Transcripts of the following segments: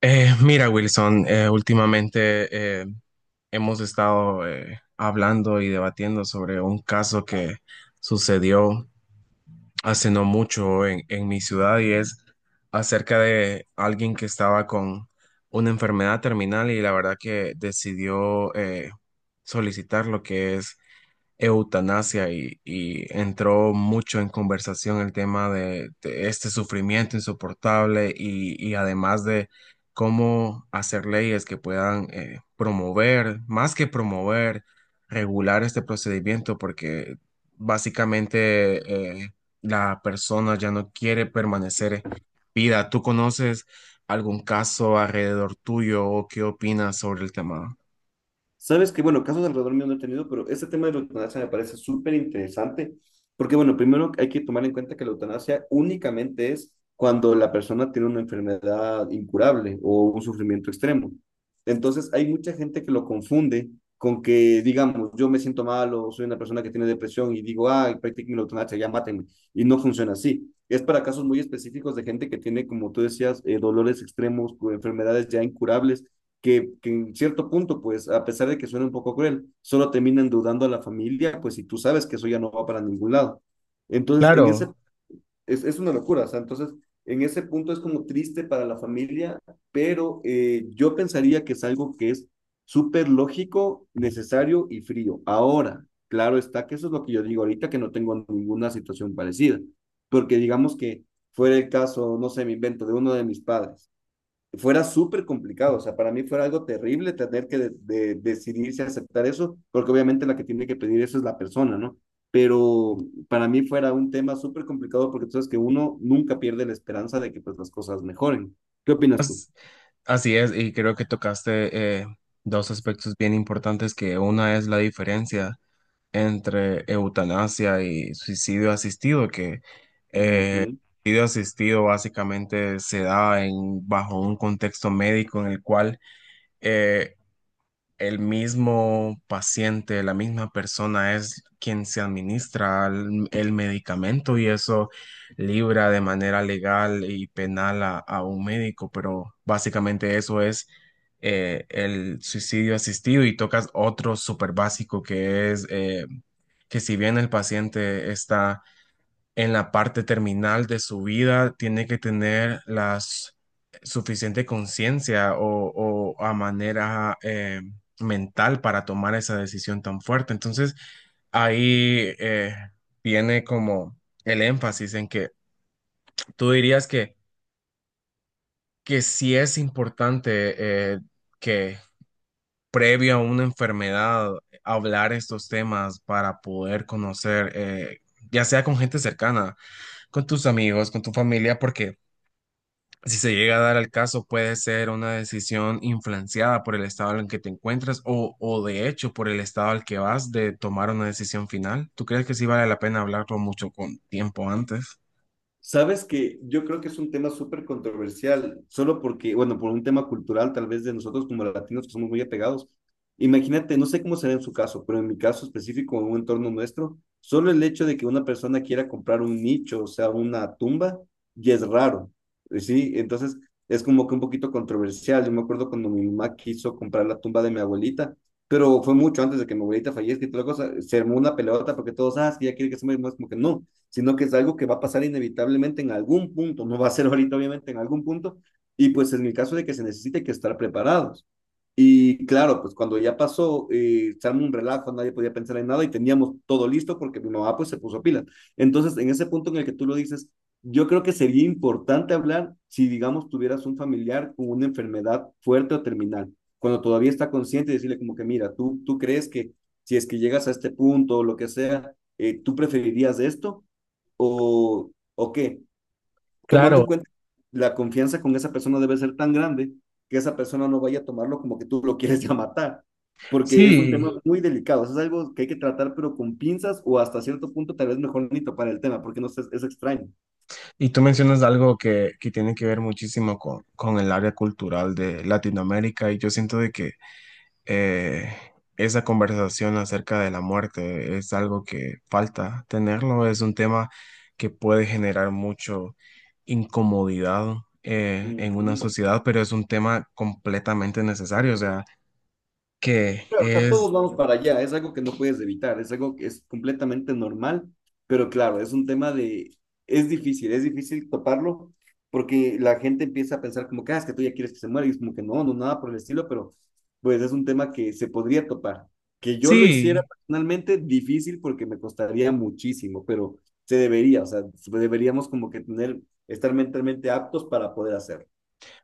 Mira, Wilson, últimamente hemos estado hablando y debatiendo sobre un caso que sucedió hace no mucho en mi ciudad y es acerca de alguien que estaba con una enfermedad terminal y la verdad que decidió solicitar lo que es eutanasia y entró mucho en conversación el tema de este sufrimiento insoportable y además de cómo hacer leyes que puedan promover, más que promover, regular este procedimiento porque básicamente la persona ya no quiere permanecer vida. ¿Tú conoces algún caso alrededor tuyo o qué opinas sobre el tema? Sabes que, bueno, casos alrededor mío no he tenido, pero ese tema de la eutanasia me parece súper interesante, porque, bueno, primero hay que tomar en cuenta que la eutanasia únicamente es cuando la persona tiene una enfermedad incurable o un sufrimiento extremo. Entonces, hay mucha gente que lo confunde con que, digamos, yo me siento mal o soy una persona que tiene depresión y digo, ay, practiquen la eutanasia, ya mátenme. Y no funciona así. Es para casos muy específicos de gente que tiene, como tú decías, dolores extremos, enfermedades ya incurables que en cierto punto, pues, a pesar de que suene un poco cruel, solo terminan dudando a la familia, pues, y tú sabes que eso ya no va para ningún lado. Entonces, en ese, Claro. es una locura, o sea, entonces, en ese punto es como triste para la familia, pero yo pensaría que es algo que es súper lógico, necesario y frío. Ahora, claro está que eso es lo que yo digo ahorita, que no tengo ninguna situación parecida, porque digamos que fuera el caso, no sé, me invento, de uno de mis padres fuera súper complicado, o sea, para mí fuera algo terrible tener que decidirse a aceptar eso, porque obviamente la que tiene que pedir eso es la persona, ¿no? Pero para mí fuera un tema súper complicado porque tú sabes que uno nunca pierde la esperanza de que pues las cosas mejoren. ¿Qué opinas tú? As- Así es, y creo que tocaste dos aspectos bien importantes, que una es la diferencia entre eutanasia y suicidio asistido, que Ujú. suicidio asistido básicamente se da en, bajo un contexto médico en el cual eh, el mismo paciente, la misma persona es quien se administra el medicamento y eso libra de manera legal y penal a un médico, pero básicamente eso es el suicidio asistido y tocas otro súper básico que es que si bien el paciente está en la parte terminal de su vida tiene que tener suficiente conciencia o a manera mental para tomar esa decisión tan fuerte. Entonces, ahí viene como el énfasis en que tú dirías que sí es importante que previo a una enfermedad hablar estos temas para poder conocer, ya sea con gente cercana, con tus amigos, con tu familia, porque si se llega a dar al caso, puede ser una decisión influenciada por el estado en que te encuentras o de hecho por el estado al que vas de tomar una decisión final. ¿Tú crees que sí vale la pena hablarlo mucho con tiempo antes? Sabes que yo creo que es un tema súper controversial, solo porque, bueno, por un tema cultural, tal vez de nosotros como latinos que somos muy apegados. Imagínate, no sé cómo será en su caso, pero en mi caso específico, en un entorno nuestro, solo el hecho de que una persona quiera comprar un nicho, o sea, una tumba, ya es raro, ¿sí? Entonces, es como que un poquito controversial. Yo me acuerdo cuando mi mamá quiso comprar la tumba de mi abuelita, pero fue mucho antes de que mi abuelita fallezca y toda la cosa, se armó una pelota porque todos, ah, es que ya quiere que se muera, y más como que no sino que es algo que va a pasar inevitablemente en algún punto, no va a ser ahorita obviamente en algún punto, y pues en el caso de que se necesite hay que estar preparados. Y claro, pues cuando ya pasó, se armó un relajo, nadie podía pensar en nada y teníamos todo listo porque mi mamá pues se puso pilas. Entonces, en ese punto en el que tú lo dices, yo creo que sería importante hablar si, digamos, tuvieras un familiar con una enfermedad fuerte o terminal, cuando todavía está consciente y decirle como que, mira, tú crees que si es que llegas a este punto o lo que sea, ¿tú preferirías esto? ¿O qué? Tomando Claro, en cuenta que la confianza con esa persona debe ser tan grande que esa persona no vaya a tomarlo como que tú lo quieres ya matar, porque es un tema sí. muy delicado, eso es algo que hay que tratar pero con pinzas o hasta cierto punto tal vez mejor ni topar el tema, porque no sé, es extraño. Y tú mencionas algo que tiene que ver muchísimo con el área cultural de Latinoamérica y yo siento de que eh, esa conversación acerca de la muerte es algo que falta tenerlo, es un tema que puede generar mucho incomodidad, en una Ujú. sociedad, pero es un tema completamente necesario, o sea, que O sea, es, todos vamos para allá, es algo que no puedes evitar, es algo que es completamente normal, pero claro, es un tema de, es difícil toparlo, porque la gente empieza a pensar como que, ah, es que tú ya quieres que se muera, y es como que no, no, nada por el estilo, pero pues es un tema que se podría topar. Que yo lo hiciera sí, personalmente, difícil porque me costaría muchísimo, pero se debería, o sea, deberíamos como que tener, estar mentalmente aptos para poder hacerlo.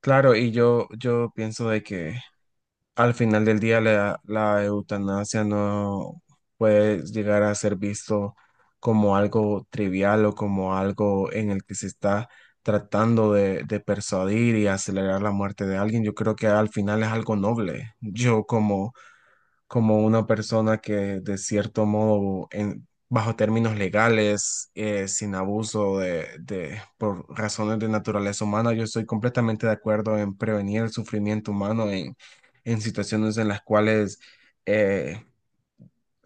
claro, yo pienso de que al final del día, la eutanasia no puede llegar a ser visto como algo trivial o como algo en el que se está tratando de persuadir y acelerar la muerte de alguien. Yo creo que al final es algo noble. Yo como una persona que de cierto modo, en, bajo términos legales, sin abuso por razones de naturaleza humana, yo estoy completamente de acuerdo en prevenir el sufrimiento humano en situaciones en las cuales eh,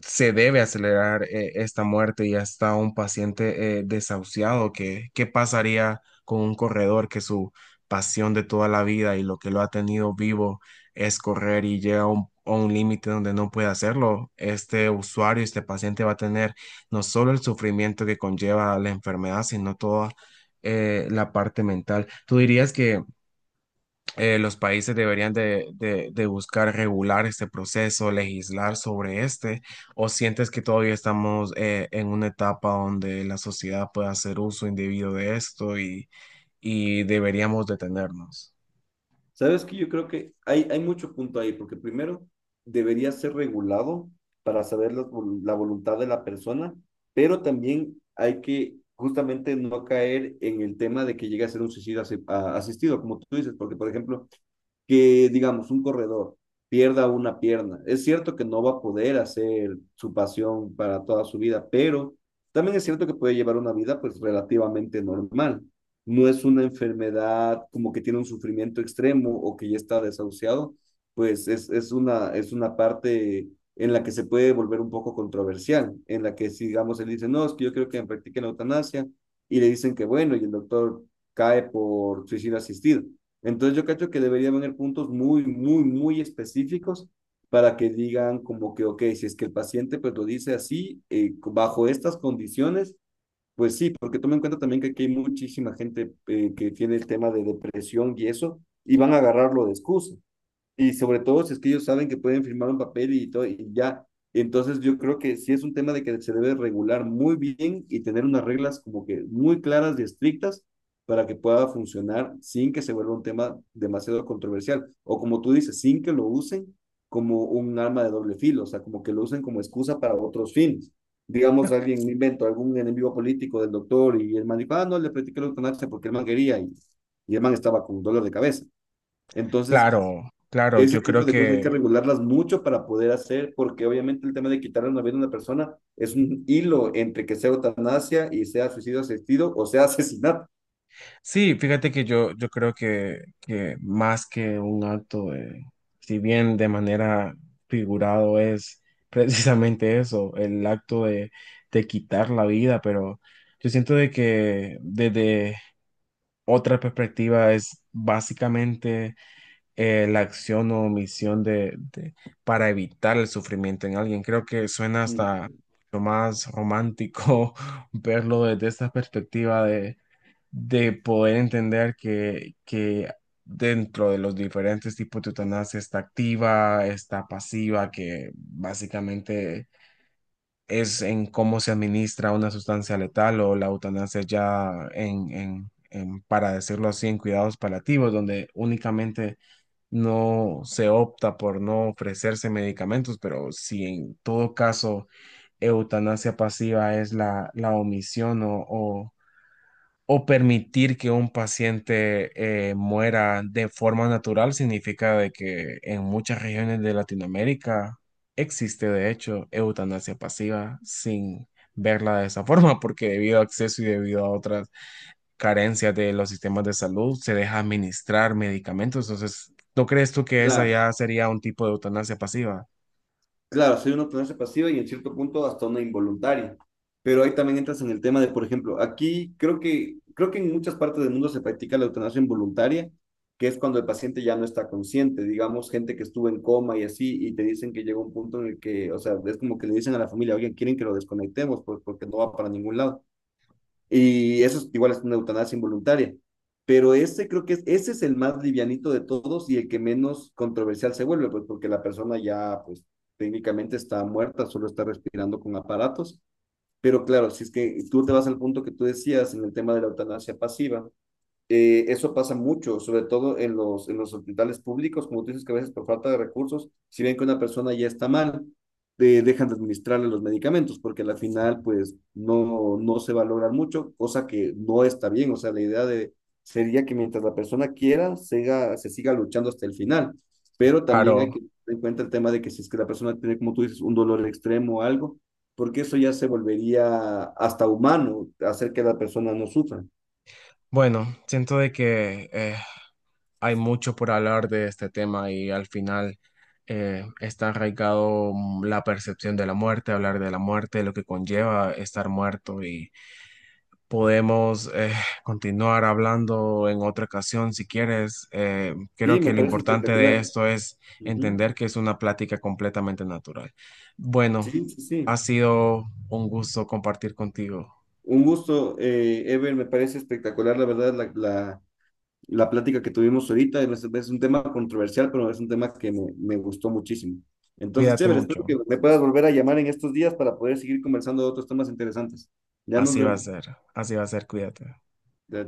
se debe acelerar esta muerte y hasta un paciente desahuciado, que, ¿qué pasaría con un corredor que su pasión de toda la vida y lo que lo ha tenido vivo es correr y llega a un límite donde no puede hacerlo? Este usuario, este paciente va a tener no solo el sufrimiento que conlleva la enfermedad, sino toda la parte mental. ¿Tú dirías que los países deberían de buscar regular este proceso, legislar sobre este, o sientes que todavía estamos en una etapa donde la sociedad puede hacer uso indebido de esto y deberíamos detenernos? Sabes que yo creo que hay mucho punto ahí, porque primero debería ser regulado para saber la, la voluntad de la persona, pero también hay que justamente no caer en el tema de que llegue a ser un suicidio asistido, como tú dices, porque por ejemplo, que digamos un corredor pierda una pierna, es cierto que no va a poder hacer su pasión para toda su vida, pero también es cierto que puede llevar una vida pues relativamente normal no es una enfermedad como que tiene un sufrimiento extremo o que ya está desahuciado, pues es una parte en la que se puede volver un poco controversial, en la que, si, digamos, él dice, no, es que yo creo que me practiquen la eutanasia, y le dicen que bueno, y el doctor cae por suicidio asistido. Entonces yo creo que debería haber puntos muy, muy, muy específicos para que digan como que, ok, si es que el paciente pues lo dice así, bajo estas condiciones, pues sí, porque toma en cuenta también que aquí hay muchísima gente que tiene el tema de depresión y eso, y van a agarrarlo de excusa. Y sobre todo si es que ellos saben que pueden firmar un papel y todo, y ya. Entonces yo creo que sí es un tema de que se debe regular muy bien y tener unas reglas como que muy claras y estrictas para que pueda funcionar sin que se vuelva un tema demasiado controversial. O como tú dices, sin que lo usen como un arma de doble filo, o sea, como que lo usen como excusa para otros fines. Digamos, alguien un invento, algún enemigo político del doctor y el man dijo, ah, no, le practiqué la eutanasia porque el man quería y el man estaba con dolor de cabeza. Entonces, Claro, claro, ese yo creo tipo de cosas hay que que regularlas mucho para poder hacer, porque obviamente el tema de quitarle una vida a una persona es un hilo entre que sea eutanasia y sea suicidio asistido o sea asesinato. sí. Fíjate que yo creo que más que un acto de, si bien de manera figurado es precisamente eso, el acto de quitar la vida, pero yo siento de que desde otra perspectiva es básicamente la acción o omisión para evitar el sufrimiento en alguien. Creo que suena Mm. hasta lo más romántico verlo desde esta perspectiva de poder entender que dentro de los diferentes tipos de eutanasia está activa, está pasiva, que básicamente es en cómo se administra una sustancia letal o la eutanasia ya en, para decirlo así, en cuidados paliativos, donde únicamente no se opta por no ofrecerse medicamentos, pero si en todo caso eutanasia pasiva es la omisión o permitir que un paciente muera de forma natural significa de que en muchas regiones de Latinoamérica existe de hecho eutanasia pasiva sin verla de esa forma, porque debido a acceso y debido a otras carencias de los sistemas de salud se deja administrar medicamentos. Entonces, ¿no crees tú que esa Claro. ya sería un tipo de eutanasia pasiva? Claro, soy una observancia pasiva y en cierto punto hasta una involuntaria. Pero ahí también entras en el tema de, por ejemplo, aquí creo que en muchas partes del mundo se practica la eutanasia involuntaria, que es cuando el paciente ya no está consciente, digamos, gente que estuvo en coma y así, y te dicen que llega un punto en el que, o sea, es como que le dicen a la familia, oigan, quieren que lo desconectemos pues, porque no va para ningún lado. Y eso es, igual es una eutanasia involuntaria. Pero ese creo que es, ese es el más livianito de todos y el que menos controversial se vuelve, pues porque la persona ya, pues técnicamente está muerta, solo está respirando con aparatos. Pero claro, si es que tú te vas al punto que tú decías en el tema de la eutanasia pasiva, eso pasa mucho, sobre todo en los hospitales públicos, como tú dices que a veces por falta de recursos, si ven que una persona ya está mal, dejan de administrarle los medicamentos, porque al final pues no, no se valora mucho, cosa que no está bien, o sea, la idea de, sería que mientras la persona quiera, siga, se siga luchando hasta el final, pero también hay Claro. que tener en cuenta el tema de que si es que la persona tiene, como tú dices, un dolor extremo o algo, porque eso ya se volvería hasta humano, hacer que la persona no sufra. Bueno, siento de que hay mucho por hablar de este tema y al final está arraigado, la percepción de la muerte, hablar de la muerte, lo que conlleva estar muerto y podemos continuar hablando en otra ocasión si quieres. Creo Sí, que me lo parece importante de espectacular. esto es Ujú. entender que es una plática completamente natural. Sí, Bueno, sí, ha sí. sido un gusto compartir contigo. Un gusto, Ever, me parece espectacular, la verdad, la plática que tuvimos ahorita. Es un tema controversial, pero es un tema que me gustó muchísimo. Entonces, Cuídate chévere, espero que mucho. me puedas volver a llamar en estos días para poder seguir conversando de otros temas interesantes. Ya nos Así va a ser. vemos. Así va a ser. Cuídate.